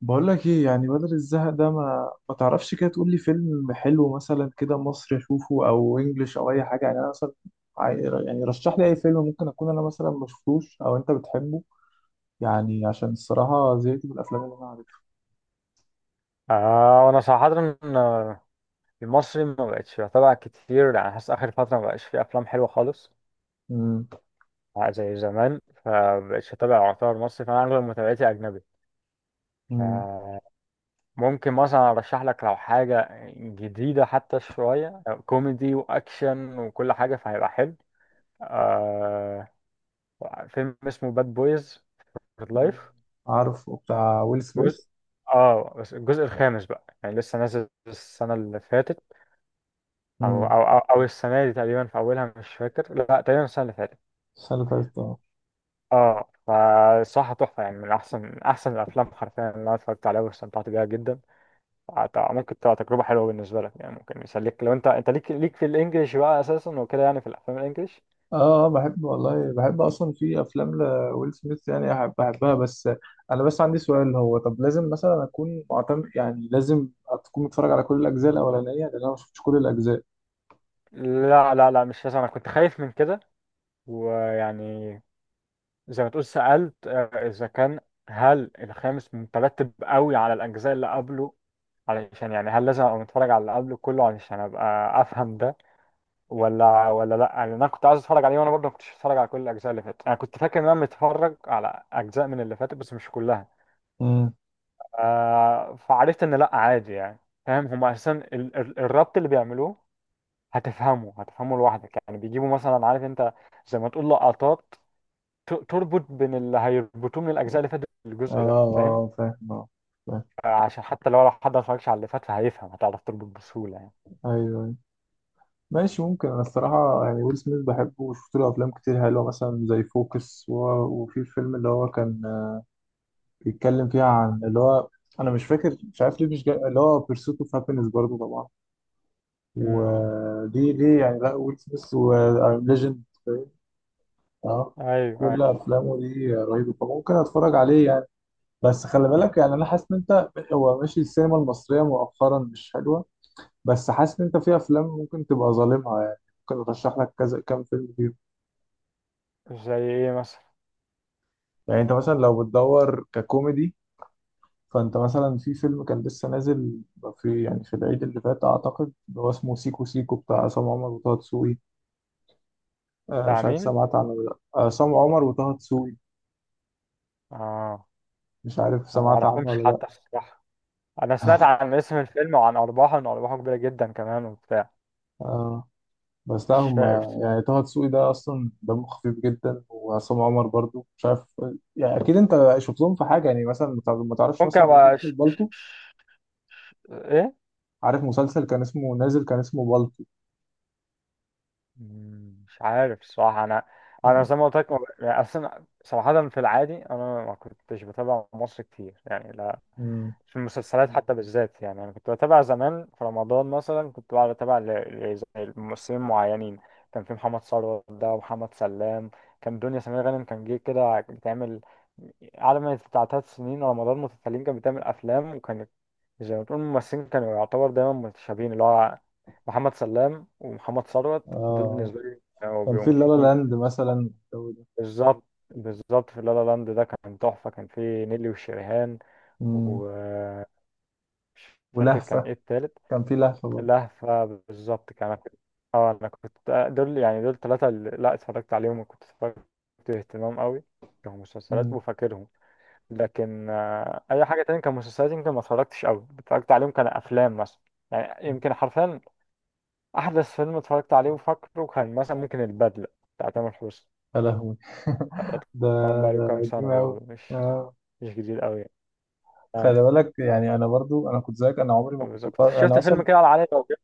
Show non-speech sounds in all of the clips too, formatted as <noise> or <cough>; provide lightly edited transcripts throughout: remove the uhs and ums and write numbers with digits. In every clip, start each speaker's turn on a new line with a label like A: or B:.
A: بقول لك ايه؟ يعني بدل الزهق ده ما تعرفش كده تقول لي فيلم حلو مثلا كده مصري اشوفه او انجليش او اي حاجه. يعني انا مثلا عاي- يعني رشح لي اي فيلم ممكن اكون انا مثلا ما شفتوش او انت بتحبه. يعني عشان الصراحه زهقت من الافلام اللي انا عارفها.
B: وانا صراحة. آه، المصري ما بقتش بتابع كتير، يعني حاسس اخر فترة ما بقاش فيه افلام حلوة خالص
A: امم
B: زي زمان، فبقتش اتابع يعتبر مصري، فانا اغلب متابعتي اجنبي.
A: امم
B: فممكن مثلا ارشح لك لو حاجة جديدة، حتى شوية كوميدي واكشن وكل حاجة فهيبقى حلو. آه فيلم اسمه باد بويز فور لايف.
A: عارفه، بتاع ويل سميث.
B: جزء، اه بس الجزء الخامس بقى، يعني لسه نازل السنة اللي فاتت، او
A: امم
B: او او, أو السنه دي تقريبا في اولها، مش فاكر، لا تقريبا السنه اللي فاتت.
A: السنه اللي فاتت، آه.
B: اه فصراحه تحفه، يعني من احسن الافلام حرفيا اللي انا اتفرجت عليها واستمتعت بيها جدا. ممكن تبقى تجربه حلوه بالنسبه لك، يعني ممكن يسليك لو انت ليك في الانجليش بقى اساسا وكده، يعني في الافلام الانجليش.
A: اه بحب، والله بحب اصلا في افلام لويل سميث. يعني بحبها، بس انا بس عندي سؤال. هو طب لازم مثلا اكون معتمد؟ يعني لازم تكون متفرج على كل الاجزاء الاولانيه؟ لان انا ما شفتش كل الاجزاء.
B: لا مش لازم، انا كنت خايف من كده. ويعني زي ما تقول سالت، اذا كان هل الخامس مترتب قوي على الاجزاء اللي قبله، علشان يعني هل لازم ابقى متفرج على اللي قبله كله علشان ابقى افهم ده؟ ولا لا يعني انا كنت عايز اتفرج عليه وانا برضه ما كنتش اتفرج على كل الاجزاء اللي فاتت، انا كنت فاكر ان انا متفرج على اجزاء من اللي فاتت بس مش كلها.
A: امم
B: فعرفت ان لا عادي يعني. فاهم هم اساسا الربط اللي بيعملوه هتفهمه، لوحدك، يعني بيجيبوا مثلا، عارف انت، زي ما تقول لقطات تربط بين اللي هيربطوه من الاجزاء اللي فاتت الجزء ده،
A: اه،
B: فاهم؟
A: اه فاهم، اه فاهم.
B: عشان حتى لو حد ما اتفرجش على اللي فات فهيفهم، هتعرف تربط بسهوله يعني.
A: ايوه، أيوة. ماشي. ممكن انا الصراحه، يعني ويل سميث بحبه وشفت له افلام كتير حلوه، مثلا زي فوكس وفي الفيلم اللي هو كان بيتكلم فيها عن اللي هو، انا مش فاكر، مش عارف ليه مش جاي، اللي هو بيرسوت اوف هابينس برضه طبعا.
B: امم.
A: ودي يعني، لا ويل سميث وأيم ليجند فاهم؟ اه،
B: ايوه.
A: كل افلامه دي رهيبه، فممكن اتفرج عليه يعني. بس خلي بالك، يعني انا حاسس ان انت، هو ماشي السينما المصريه مؤخرا مش حلوه، بس حاسس ان انت في افلام ممكن تبقى ظالمها يعني. ممكن ارشح لك كذا كام فيلم فيهم.
B: ايوه زي ايه مثلا؟
A: يعني انت مثلا لو بتدور ككوميدي، فانت مثلا في فيلم كان لسه نازل في، يعني في العيد اللي فات اعتقد، اللي هو اسمه سيكو سيكو بتاع عصام عمر وطه دسوقي، آه،
B: بتاع
A: مش عارف
B: مين؟
A: سمعت عنه ولا لا، آه، عصام عمر وطه دسوقي.
B: اه
A: مش عارف
B: أنا ما
A: سمعت عنه
B: أعرفهمش
A: ولا لا؟
B: حتى الصراحة. أنا سمعت
A: <laughs>
B: عن اسم الفيلم وعن أرباحه، إن أرباحه كبيرة جدا كمان وبتاع.
A: آه، بس لا
B: مش
A: هم،
B: فاهم.
A: يعني طه دسوقي ده اصلا دمه خفيف جدا، وعصام عمر برضو. مش عارف، يعني اكيد انت شفتهم في حاجه، يعني مثلا ما تعرفش
B: ممكن
A: مثلا
B: أبقى
A: مسلسل بالطو؟
B: إيه؟
A: عارف مسلسل كان اسمه نازل، كان اسمه بالطو؟
B: مم، مش عارف الصراحة أنا. أنا
A: آه.
B: زي ما قلت لك ما ب- يعني أصلا صراحة في العادي أنا ما كنتش بتابع مصر كتير يعني.
A: مم.
B: في المسلسلات حتى بالذات يعني انا كنت بتابع زمان في رمضان مثلا، كنت بقعد اتابع زي ممثلين معينين. كان في محمد ثروت ده ومحمد سلام. كان دنيا سمير غانم كان جه كده بتعمل على ما بتاع تلات سنين رمضان متتاليين كانت بتعمل افلام، وكانت زي ما تقول الممثلين كانوا يعتبر دايما متشابهين، اللي هو محمد سلام ومحمد ثروت دول
A: آه.
B: بالنسبه لي كانوا
A: كان
B: بيبقوا
A: في لالا
B: مضحكين.
A: لاند مثلا والجو ده.
B: بالظبط. بالظبط في لا لا لاند ده كان تحفه، كان فيه نيلي وشريهان
A: مم.
B: و مش فاكر كان
A: ولهفه.
B: ايه التالت.
A: كان في لهفه برضو.
B: لهفة بالظبط. كان انا كنت، اه انا كنت، دول يعني دول ثلاثة اللي لا اتفرجت عليهم وكنت اتفرجت باهتمام قوي كمسلسلات
A: مم.
B: وفاكرهم. لكن اي حاجة تانية كمسلسلات يمكن ما اتفرجتش قوي، اتفرجت عليهم كان افلام مثلا. يعني يمكن حرفيا احدث فيلم اتفرجت عليه وفاكره كان مثلا ممكن البدلة بتاع تامر حسني.
A: يا لهوي. <laughs> ده،
B: طبعا بقى له
A: ده
B: كام
A: قديم
B: سنة
A: أوي،
B: برضه، مش
A: آه.
B: مش جديد قوي يعني. اه
A: خلي بالك، يعني أنا برضو أنا كنت زيك، أنا عمري ما كنت
B: بالظبط.
A: بتفرج، أنا
B: شفت فيلم
A: أصلا،
B: كده على علي ربيع.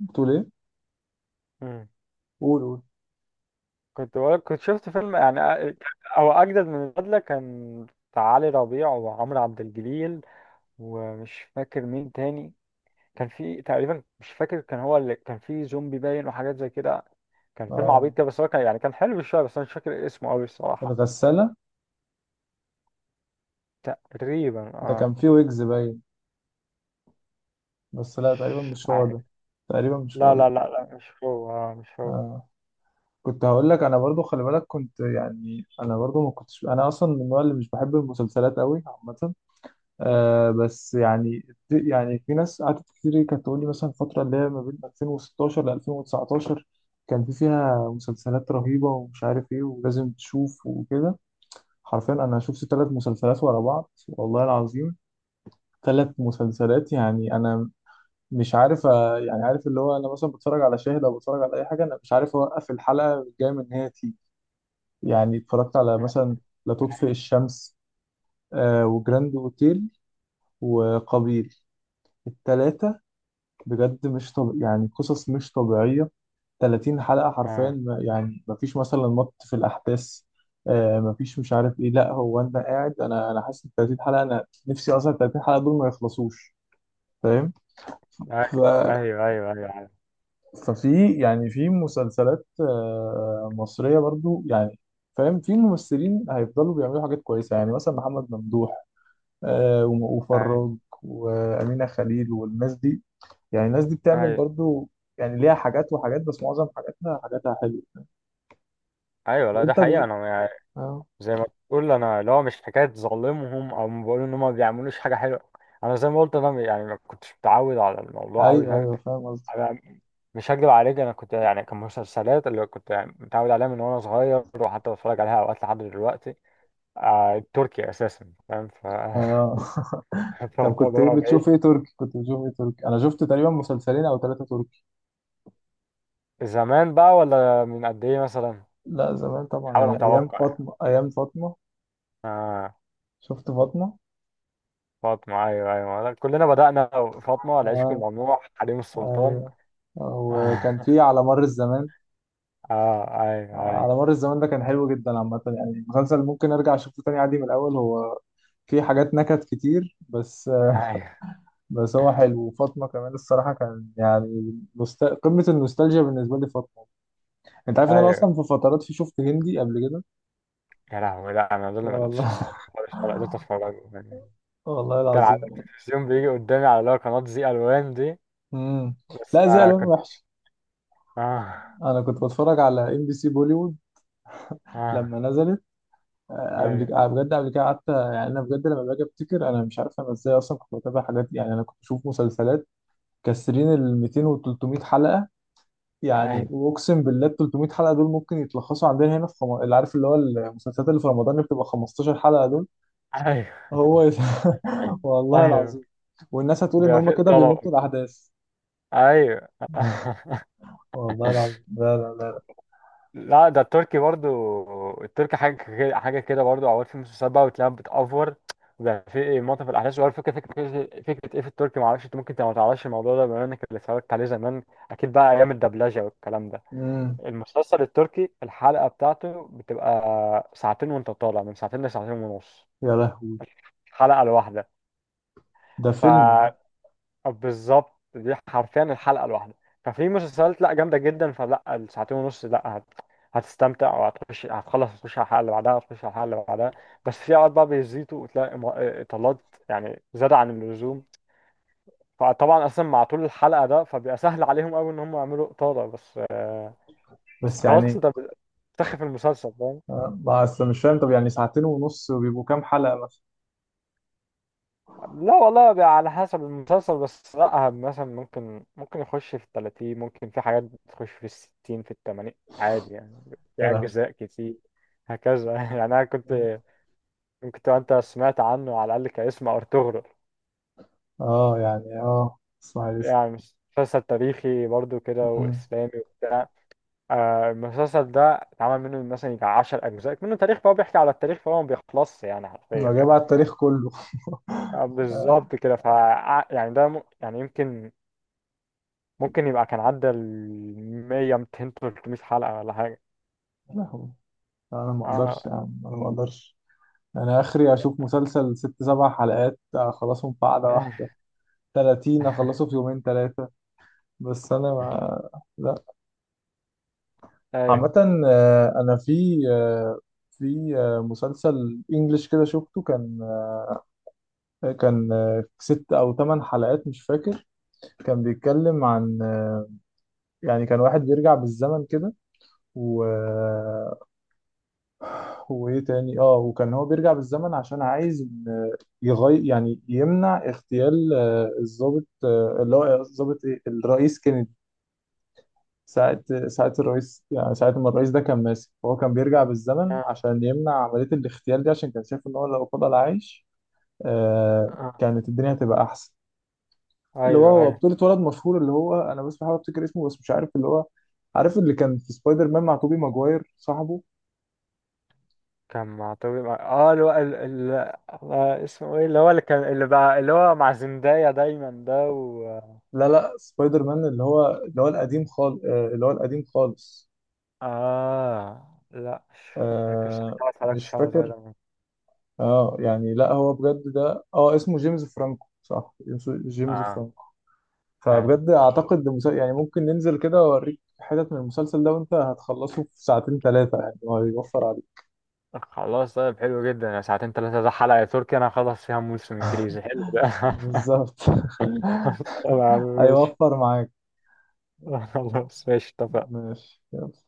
A: بتقول ايه؟ قول، قول.
B: كنت بقولك كنت شفت فيلم، او اجدد من البدله، كان بتاع علي ربيع وعمرو عبد الجليل، ومش فاكر مين تاني، كان في تقريبا، مش فاكر، كان هو اللي كان في زومبي باين وحاجات زي كده. كان فيلم عبيط
A: اه،
B: كده بس هو كان يعني كان حلو شويه، بس انا مش فاكر اسمه قوي الصراحه.
A: الغسالة،
B: تقريبا
A: ده كان
B: اه.
A: فيه ويجز باين، بس لا تقريبا مش هو ده،
B: عادي.
A: تقريبا مش
B: لا
A: هو ده،
B: لا لا لا مش هو، مش هو.
A: آه. كنت هقول لك، انا برضو خلي بالك، كنت يعني انا برضو ما كنتش، انا اصلا من النوع اللي مش بحب المسلسلات قوي عامة،
B: م.
A: آه، بس يعني، يعني في ناس قعدت كتير كانت تقول لي مثلا الفترة اللي هي ما بين 2016 ل 2019 كان في فيها مسلسلات رهيبة ومش عارف ايه، ولازم تشوف وكده. حرفيا انا شفت ثلاث مسلسلات ورا بعض، والله العظيم ثلاث مسلسلات. يعني انا مش عارف، آه، يعني عارف اللي هو، انا مثلا بتفرج على شاهد او بتفرج على اي حاجه، انا مش عارف اوقف الحلقه، جاي من ان هي تيجي. يعني اتفرجت على مثلا لا تطفئ الشمس، آه، وجراند اوتيل، وقابيل. التلاتة بجد، مش طب يعني، قصص مش طبيعية. 30 حلقة حرفيا
B: اه.
A: يعني ما فيش مثلا في الأحداث، آه ما فيش، مش عارف إيه، لا هو أنت قاعد، أنا حاسس إن 30 حلقة، أنا نفسي أصلا 30 حلقة دول ما يخلصوش، فاهم؟
B: ايوه
A: ففي يعني في مسلسلات آه، مصرية برضو، يعني فاهم، في ممثلين هيفضلوا بيعملوا حاجات كويسة، يعني مثلا محمد ممدوح آه،
B: ايوه,
A: وفراج، وأمينة خليل، والناس دي، يعني الناس دي بتعمل
B: أيوة.
A: برضو، يعني ليها حاجات وحاجات، بس معظم حاجاتها حلوة.
B: أيوة.
A: طب
B: لا ده
A: انت
B: حقيقه. انا
A: آه.
B: زي ما تقول انا اللي هو مش حكايه ظالمهم او ما بقول ان هم ما بيعملوش حاجه حلوه. انا زي ما قلت انا يعني ما كنتش متعود على الموضوع قوي،
A: ايوه،
B: فاهم.
A: ايوه فاهم قصدك.
B: انا مش هكدب عليك، انا كنت يعني كان مسلسلات اللي كنت يعني متعود عليها من وانا صغير، وحتى بتفرج عليها اوقات لحد دلوقتي. آه التركي اساسا، فاهم، ف
A: آه. <laughs>
B: <laughs>
A: طب
B: فببقى
A: كنت ايه
B: بعيد.
A: بتشوف؟ ايه تركي كنت بتشوف؟ ايه تركي؟ انا شفت تقريبا مسلسلين او ثلاثة تركي.
B: زمان بقى ولا من قد ايه مثلا؟
A: لا زمان طبعا،
B: حاول
A: يعني ايام
B: اتوقع يعني.
A: فاطمة، ايام فاطمة.
B: آه
A: شفت فاطمة،
B: فاطمه، ايوه كلنا بدأنا. فاطمه، العشق
A: آه.
B: الممنوع، حريم السلطان.
A: ايوه.
B: <laughs>
A: وكان
B: اه.
A: في على مر الزمان.
B: ايوه ايوه
A: على مر الزمان ده كان حلو جدا عامة، يعني مسلسل ممكن ارجع اشوفه تاني عادي من الاول. هو في حاجات نكت كتير بس،
B: ايوه
A: بس هو حلو. وفاطمة كمان الصراحة كان يعني قمة النوستالجيا بالنسبة لي فاطمة. انت عارف ان انا
B: ايوه.
A: اصلا في فترات في، شفت هندي قبل كده.
B: يا لهوي، لا انا دول ما قدرتش
A: والله،
B: استحمل خالص، ولا قدرت اتفرج يعني.
A: <laughs> والله
B: كان على
A: العظيم يعني.
B: التلفزيون بيجي قدامي على اللي هو قناة زي الوان دي،
A: امم.
B: بس
A: لا زي
B: ما
A: الوان
B: كنت.
A: وحش.
B: اه.
A: انا كنت بتفرج على ام بي سي بوليوود لما
B: اه.
A: نزلت، آه، قبل
B: ايوه
A: كده بجد. قبل كده قعدت يعني انا بجد، لما باجي افتكر انا مش عارف انا ازاي اصلا كنت بتابع حاجات دي. يعني انا كنت بشوف مسلسلات كسرين ال 200 وال 300 حلقه. يعني
B: ايوه
A: واقسم بالله ال 300 حلقه دول ممكن يتلخصوا عندنا هنا في اللي عارف اللي هو المسلسلات اللي في رمضان اللي بتبقى 15 حلقه دول.
B: ايوه
A: هو <laughs> والله
B: ايوه.
A: العظيم. والناس هتقول ان
B: بيبقى
A: هم
B: في
A: كده
B: طلب.
A: بيمطوا الاحداث.
B: ايوه.
A: والله العظيم، لا لا.
B: <laughs> لا ده التركي برضو، التركي حاجة كده، حاجة كده برضو. أوقات في مسلسلات بقى بتلاقيها بتأفور، وبيبقى في منطقة في الأحداث، وأول فكرة فكرة إيه في التركي، معرفش أنت ممكن أنت ما تعرفش الموضوع ده بما إنك اللي اتفرجت عليه زمان، أكيد بقى أيام الدبلجة والكلام ده.
A: امم.
B: المسلسل التركي الحلقة بتاعته بتبقى ساعتين، وأنت طالع من ساعتين لساعتين ونص
A: يا لهوي،
B: الحلقة
A: ده فيلم ده!
B: الواحدة. بالظبط دي حرفيا الحلقه الواحده. ففي مسلسلات لا جامده جدا، فلا الساعتين ونص لا هتستمتع وهتخش، هتخلص هتخش على الحلقه اللي بعدها، بس في اوقات بقى بيزيدوا وتلاقي اطالات، يعني زاد عن اللزوم. فطبعا اصلا مع طول الحلقه ده، فبيبقى سهل عليهم قوي ان هم يعملوا اطاله، بس بس
A: بس
B: خلاص
A: يعني
B: انت بتسخف المسلسل.
A: آه، ما أصل مش فاهم، طب يعني ساعتين ونص وبيبقوا كام حلقه مثلا؟
B: لا والله بقى على حسب المسلسل، بس لا مثلا ممكن يخش في التلاتين، ممكن في حاجات بتخش في الستين، في التمانين عادي يعني، في
A: يا لهوي.
B: أجزاء كتير هكذا. <laughs> يعني أنا كنت. ممكن تبقى أنت سمعت عنه على الأقل كاسم، أرطغرل،
A: اه يعني، اه، اسماعيل ياسين.
B: يعني مسلسل تاريخي برضو كده
A: مم.
B: وإسلامي وبتاع. آه، المسلسل ده اتعمل منه مثلا يجي 10 أجزاء منه تاريخ، فهو بيحكي على التاريخ فهو ما بيخلصش يعني حرفيا
A: لو جاي بقى
B: يعني.
A: التاريخ كله.
B: آه، بالظبط كده ف، يعني ده يعني يمكن ممكن يبقى كان عدى ال 100 200 300 حلقة ولا حاجة.
A: <laughs> لا هو- لا، انا ما اقدرش،
B: اه.
A: يعني انا ما اقدرش. انا اخري اشوف مسلسل ست سبع حلقات اخلصهم في قعده واحده، 30 اخلصه في
B: <laughs>
A: يومين ثلاثه، بس انا ما، لا.
B: ايوه.
A: عامه آه، انا في آه، في آه، مسلسل انجلش كده شفته، كان آه، كان آه، ست او ثمان حلقات مش فاكر. كان بيتكلم عن آه، يعني كان واحد بيرجع بالزمن كده، و آه، وايه تاني، اه وكان هو بيرجع بالزمن عشان عايز إن يغير، يعني يمنع اغتيال آه، الضابط آه، اللي هو الضابط، ايه، الرئيس كينيدي، ساعة ساعة الرئيس، يعني ساعة ما الرئيس ده كان ماسك، فهو كان بيرجع بالزمن
B: آه.
A: عشان يمنع عملية الاغتيال دي، عشان كان شايف ان هو لو فضل عايش آه،
B: آه.
A: كانت الدنيا هتبقى احسن. اللي هو
B: ايوه
A: هو
B: ايوه
A: بطولة ولد مشهور، اللي هو انا بس بحاول افتكر اسمه بس مش عارف، اللي هو عارف اللي كان في سبايدر مان مع توبي ماجواير، صاحبه.
B: كان مع طبيب، اه اللي هو آه، اسمه ايه اللي هو اللي كان اللي بقى اللي هو مع زندايا دايما ده و
A: لا لا، سبايدر مان اللي هو، اللي هو القديم خالص، اللي هو القديم خالص.
B: اه لا، كنتش
A: آه، مش
B: اتفرجتش على
A: فاكر.
B: سبايدر مان.
A: اه، يعني لا، هو بجد ده، اه اسمه جيمس فرانكو، صح، اسمه جيمس
B: اه.
A: فرانكو.
B: ايوه.
A: فبجد اعتقد ده يعني ممكن ننزل كده واوريك حتت من المسلسل ده، وانت هتخلصه في ساعتين ثلاثة يعني، هو هيوفر عليك.
B: خلاص طيب، حلو جدا، يا ساعتين ثلاثة ده حلقة تركي انا خلص فيها موسم انجليزي حلو ده. <laughs>
A: بالظبط.
B: خلاص، طبعا
A: <laughs>
B: ماشي.
A: هيوفر معاك.
B: <laughs> خلاص ماشي اتفقنا.
A: ماشي، يلا.